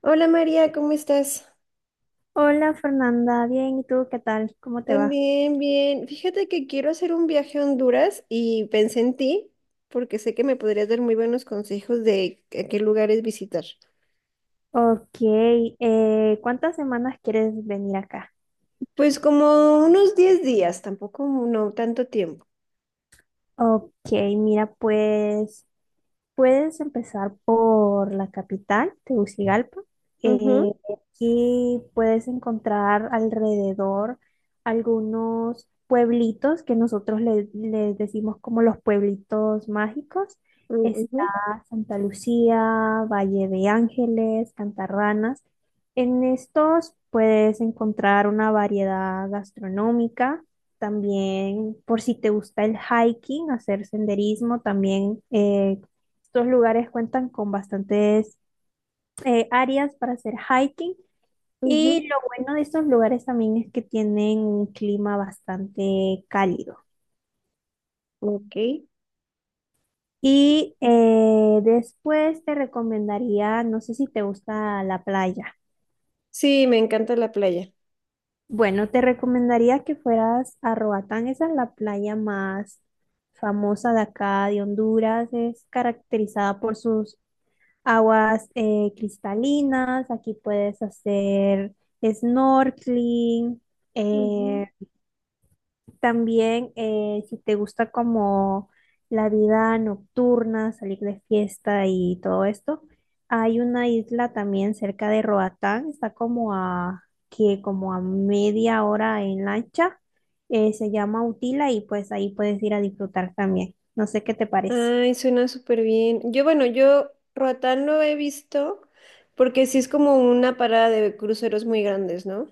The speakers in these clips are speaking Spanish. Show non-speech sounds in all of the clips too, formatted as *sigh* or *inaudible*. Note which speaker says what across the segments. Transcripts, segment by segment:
Speaker 1: Hola María, ¿cómo estás?
Speaker 2: Hola Fernanda, bien, ¿y tú qué tal? ¿Cómo te va?
Speaker 1: También bien. Fíjate que quiero hacer un viaje a Honduras y pensé en ti porque sé que me podrías dar muy buenos consejos de a qué lugares visitar.
Speaker 2: Ok, ¿cuántas semanas quieres venir acá?
Speaker 1: Pues como unos 10 días, tampoco no tanto tiempo.
Speaker 2: Ok, mira, pues puedes empezar por la capital, Tegucigalpa.
Speaker 1: Ujú,
Speaker 2: Eh, Aquí puedes encontrar alrededor algunos pueblitos que nosotros les decimos como los pueblitos mágicos. Está
Speaker 1: ujú,
Speaker 2: Santa Lucía, Valle de Ángeles, Cantarranas. En estos puedes encontrar una variedad gastronómica. También, por si te gusta el hiking, hacer senderismo, también estos lugares cuentan con bastantes áreas para hacer hiking,
Speaker 1: ujú,
Speaker 2: y lo bueno de estos lugares también es que tienen un clima bastante cálido.
Speaker 1: ok.
Speaker 2: Y después te recomendaría, no sé si te gusta la playa.
Speaker 1: Sí, me encanta la playa.
Speaker 2: Bueno, te recomendaría que fueras a Roatán, esa es la playa más famosa de acá, de Honduras, es caracterizada por sus aguas cristalinas, aquí puedes hacer snorkeling,
Speaker 1: Ujú.
Speaker 2: eh, también si te gusta como la vida nocturna, salir de fiesta y todo esto, hay una isla también cerca de Roatán, está como a, que como a media hora en lancha, se llama Utila y pues ahí puedes ir a disfrutar también. No sé qué te parece.
Speaker 1: Ay, suena súper bien. Yo, Roatán lo he visto porque sí es como una parada de cruceros muy grandes, ¿no?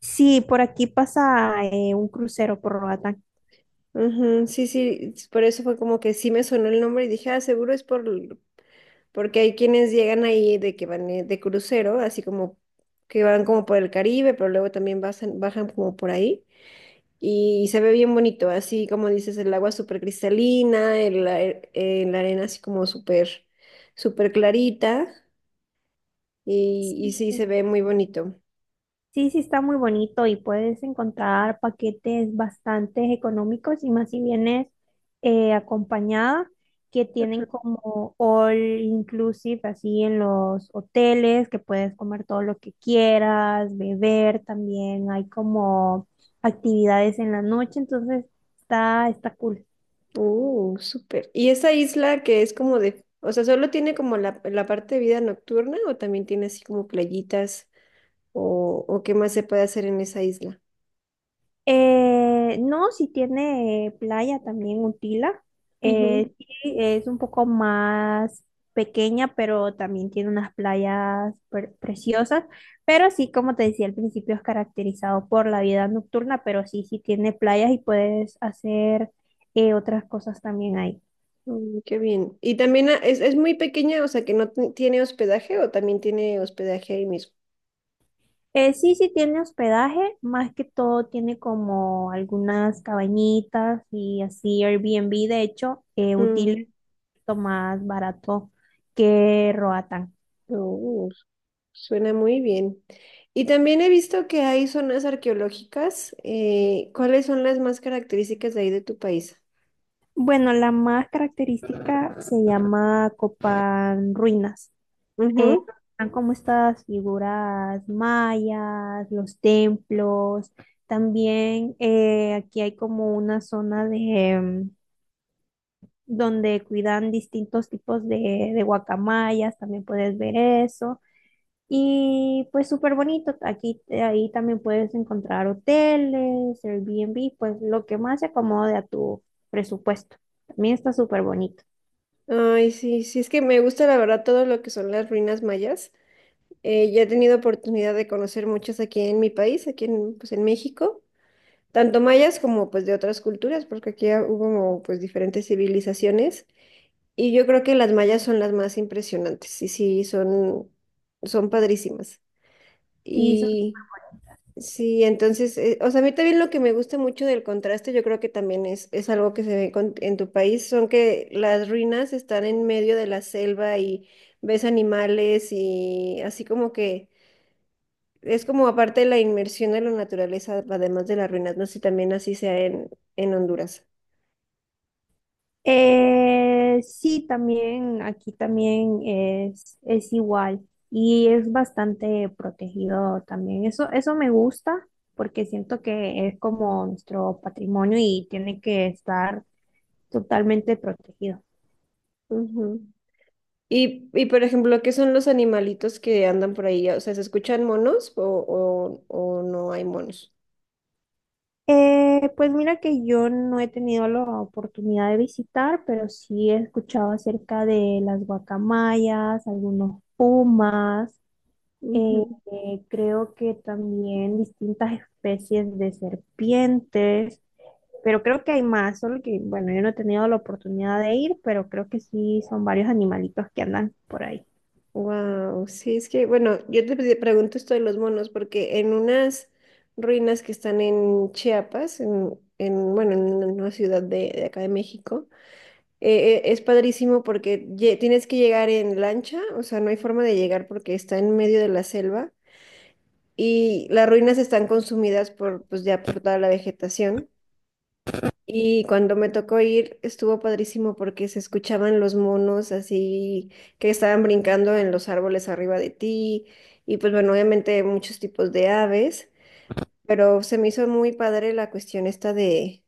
Speaker 2: Sí, por aquí pasa un crucero por Roatán.
Speaker 1: Ujú. Sí, sí, por eso fue como que sí me sonó el nombre y dije, ah, seguro es por, porque hay quienes llegan ahí de que van de crucero, así como que van como por el Caribe, pero luego también bajan, bajan como por ahí y se ve bien bonito, así como dices, el agua súper cristalina, la arena así como súper clarita y
Speaker 2: Sí,
Speaker 1: sí se ve muy bonito.
Speaker 2: sí, sí está muy bonito y puedes encontrar paquetes bastante económicos y más si vienes acompañada, que tienen como all inclusive así en los hoteles, que puedes comer todo lo que quieras, beber, también hay como actividades en la noche, entonces está cool.
Speaker 1: Súper. ¿Y esa isla que es como de, o sea, solo tiene como la parte de vida nocturna o también tiene así como playitas o qué más se puede hacer en esa isla?
Speaker 2: No, si tiene playa también Utila.
Speaker 1: Ujú.
Speaker 2: Sí, es un poco más pequeña, pero también tiene unas playas preciosas. Pero sí, como te decía al principio, es caracterizado por la vida nocturna, pero sí tiene playas y puedes hacer otras cosas también ahí.
Speaker 1: Mm, qué bien. ¿Y también ah, es muy pequeña, o sea, que no tiene hospedaje o también tiene hospedaje ahí mismo?
Speaker 2: Sí, sí tiene hospedaje, más que todo tiene como algunas cabañitas y así Airbnb, de hecho,
Speaker 1: Mm,
Speaker 2: útil más barato que Roatán.
Speaker 1: uh, suena muy bien. Y también he visto que hay zonas arqueológicas. ¿Cuáles son las más características de ahí de tu país?
Speaker 2: Bueno, la más característica se llama Copán Ruinas. Eh, Están como estas figuras mayas, los templos. También aquí hay como una zona de em, donde cuidan distintos tipos de guacamayas, también puedes ver eso. Y pues súper bonito, aquí ahí también puedes encontrar hoteles, Airbnb, pues lo que más se acomode a tu presupuesto. También está súper bonito.
Speaker 1: Ay, sí, sí, es que me gusta la verdad todo lo que son las ruinas mayas. Ya he tenido oportunidad de conocer muchas aquí en mi país, aquí en, pues, en México, tanto mayas como pues de otras culturas, porque aquí hubo pues diferentes civilizaciones y yo creo que las mayas son las más impresionantes y sí, son, son padrísimas.
Speaker 2: Sí, son-
Speaker 1: Sí, entonces, o sea, a mí también lo que me gusta mucho del contraste, yo creo que también es algo que se ve en tu país, son que las ruinas están en medio de la selva y ves animales y así como que es como aparte de la inmersión en la naturaleza, además de las ruinas, no sé si también así sea en Honduras.
Speaker 2: sí, también aquí también es igual y es bastante protegido también. Eso me gusta porque siento que es como nuestro patrimonio y tiene que estar totalmente protegido.
Speaker 1: Ujú. Y por ejemplo, ¿qué son los animalitos que andan por ahí? O sea, ¿se escuchan monos o no hay monos?
Speaker 2: Pues mira que yo no he tenido la oportunidad de visitar, pero sí he escuchado acerca de las guacamayas, algunos pumas, eh, creo que también distintas especies de serpientes, pero creo que hay más, solo que, bueno, yo no he tenido la oportunidad de ir, pero creo que sí son varios animalitos que andan por ahí.
Speaker 1: Wow, sí, es que, bueno, yo te pregunto esto de los monos porque en unas ruinas que están en Chiapas, bueno, en una ciudad de acá de México, es padrísimo porque tienes que llegar en lancha, o sea, no hay forma de llegar porque está en medio de la selva y las ruinas están consumidas por, pues ya por toda la vegetación. Y cuando me tocó ir, estuvo padrísimo porque se escuchaban los monos así que estaban brincando en los árboles arriba de ti. Y pues bueno, obviamente muchos tipos de aves, pero se me hizo muy padre la cuestión esta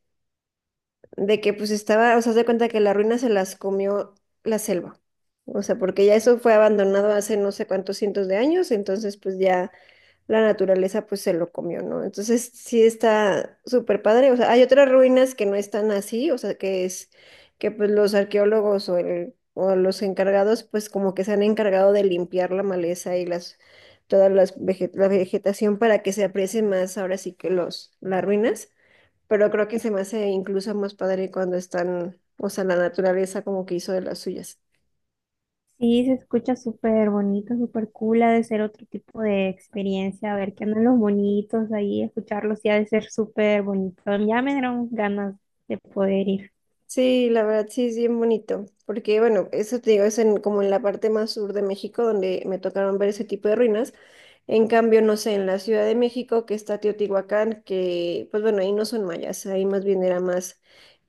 Speaker 1: de que pues estaba, o sea, haz de cuenta que la ruina se las comió la selva. O sea, porque ya eso fue abandonado hace no sé cuántos cientos de años, entonces pues ya la naturaleza pues se lo comió, ¿no? Entonces sí está súper padre, o sea, hay otras ruinas que no están así, o sea, que es que pues los arqueólogos o los encargados pues como que se han encargado de limpiar la maleza y las toda las la vegetación para que se aprecie más ahora sí que los las ruinas, pero creo que se me hace incluso más padre cuando están, o sea, la naturaleza como que hizo de las suyas.
Speaker 2: Sí, se escucha súper bonito, súper cool, ha de ser otro tipo de experiencia, a ver qué andan los bonitos ahí, escucharlos, sí, ha de ser súper bonito. Ya me dieron ganas de poder ir.
Speaker 1: Sí, la verdad sí es bien bonito, porque bueno, eso te digo, es en, como en la parte más sur de México donde me tocaron ver ese tipo de ruinas. En cambio, no sé, en la Ciudad de México que está Teotihuacán, que pues bueno, ahí no son mayas, ahí más bien era más,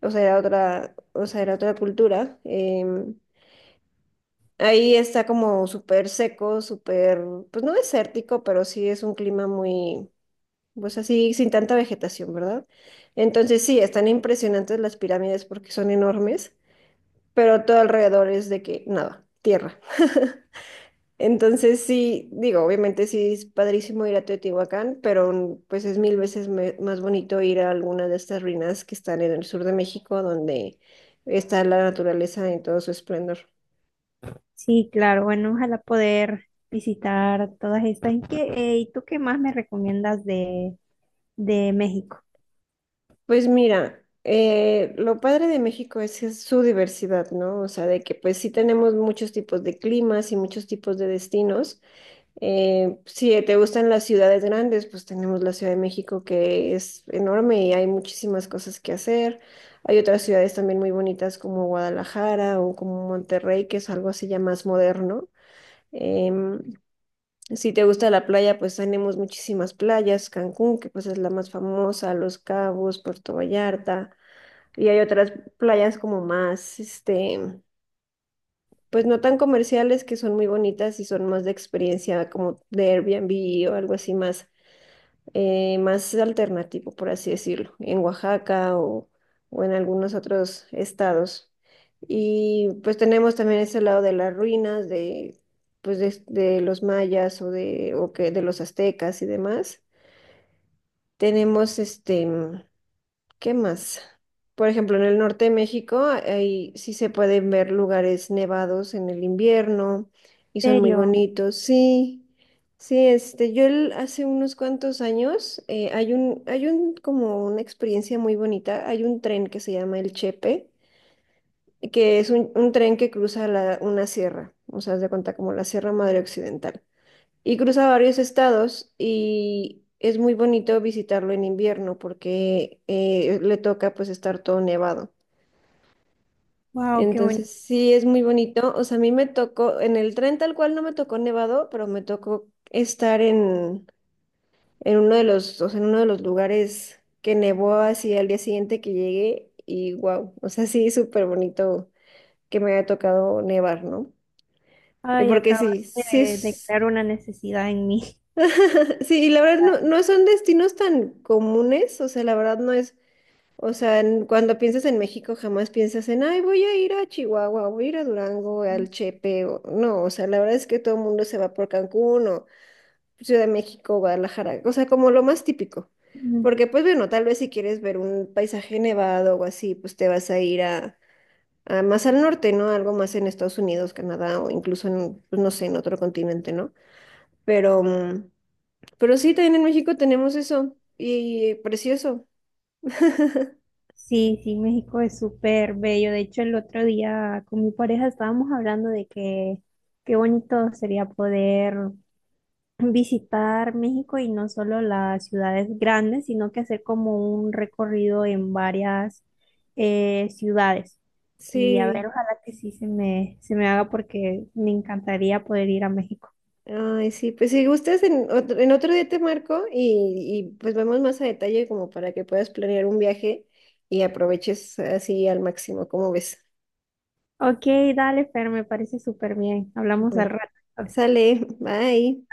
Speaker 1: o sea, era otra, o sea, era otra cultura. Ahí está como súper seco, súper, pues no desértico, pero sí es un clima muy, pues así, sin tanta vegetación, ¿verdad? Entonces sí, están impresionantes las pirámides porque son enormes pero todo alrededor es de que nada, tierra. *laughs* Entonces sí, digo, obviamente sí es padrísimo ir a Teotihuacán, pero pues es mil veces más bonito ir a alguna de estas ruinas que están en el sur de México, donde está la naturaleza en todo su esplendor.
Speaker 2: Sí, claro, bueno, ojalá poder visitar todas estas. ¿Y qué, y tú qué más me recomiendas de México?
Speaker 1: Pues mira, lo padre de México es, que es su diversidad, ¿no? O sea, de que pues sí tenemos muchos tipos de climas y muchos tipos de destinos. Si te gustan las ciudades grandes, pues tenemos la Ciudad de México que es enorme y hay muchísimas cosas que hacer. Hay otras ciudades también muy bonitas como Guadalajara o como Monterrey, que es algo así ya más moderno. Em, si te gusta la playa, pues tenemos muchísimas playas, Cancún, que pues es la más famosa, Los Cabos, Puerto Vallarta, y hay otras playas como más, este, pues no tan comerciales que son muy bonitas y son más de experiencia como de Airbnb o algo así más más alternativo, por así decirlo, en Oaxaca o en algunos otros estados. Y pues tenemos también ese lado de las ruinas, de, pues de los mayas o, de, o que, de los aztecas y demás. Tenemos este, ¿qué más? Por ejemplo, en el norte de México, ahí sí se pueden ver lugares nevados en el invierno y
Speaker 2: ¿En
Speaker 1: son muy
Speaker 2: serio?
Speaker 1: bonitos. Sí, sí, este, hace unos cuantos años hay un, como una experiencia muy bonita. Hay un tren que se llama el Chepe, que es un tren que cruza una sierra, o sea, haz de cuenta como la Sierra Madre Occidental y cruza varios estados y es muy bonito visitarlo en invierno porque le toca pues estar todo nevado.
Speaker 2: Wow, qué bonito.
Speaker 1: Entonces sí es muy bonito. O sea, a mí me tocó, en el tren tal cual no me tocó nevado, pero me tocó estar en uno de los, o sea, en uno de los lugares que nevó así al día siguiente que llegué y wow, o sea, sí, súper bonito que me haya tocado nevar, ¿no?
Speaker 2: Ay,
Speaker 1: Porque
Speaker 2: acabas
Speaker 1: sí, sí,
Speaker 2: de
Speaker 1: es-
Speaker 2: crear una necesidad en mí.
Speaker 1: *laughs* Sí, y la verdad no, no son destinos tan comunes, o sea, la verdad no es, o sea, cuando piensas en México jamás piensas en, ay, voy a ir a Chihuahua, voy a ir a Durango, al Chepe, no, o sea, la verdad es que todo el mundo se va por Cancún o Ciudad de México, Guadalajara, o sea, como lo más típico, porque
Speaker 2: *laughs*
Speaker 1: pues bueno, tal vez si quieres ver un paisaje nevado o así, pues te vas a ir a más al norte, ¿no? Algo más en Estados Unidos, Canadá o incluso en, pues, no sé, en otro continente, ¿no? Pero... mm, pero sí, también en México tenemos eso. Y precioso. *laughs*
Speaker 2: Sí, sí, México es súper bello. De hecho, el otro día con mi pareja estábamos hablando de que qué bonito sería poder visitar México y no solo las ciudades grandes, sino que hacer como un recorrido en varias ciudades. Y a ver,
Speaker 1: Sí.
Speaker 2: ojalá que sí se me haga porque me encantaría poder ir a México.
Speaker 1: Ay, sí. Pues si gustas, en otro día te marco y pues vemos más a detalle como para que puedas planear un viaje y aproveches así al máximo, como ves.
Speaker 2: Ok, dale, Fer, me parece súper bien. Hablamos al
Speaker 1: Bueno,
Speaker 2: rato.
Speaker 1: sale. Bye.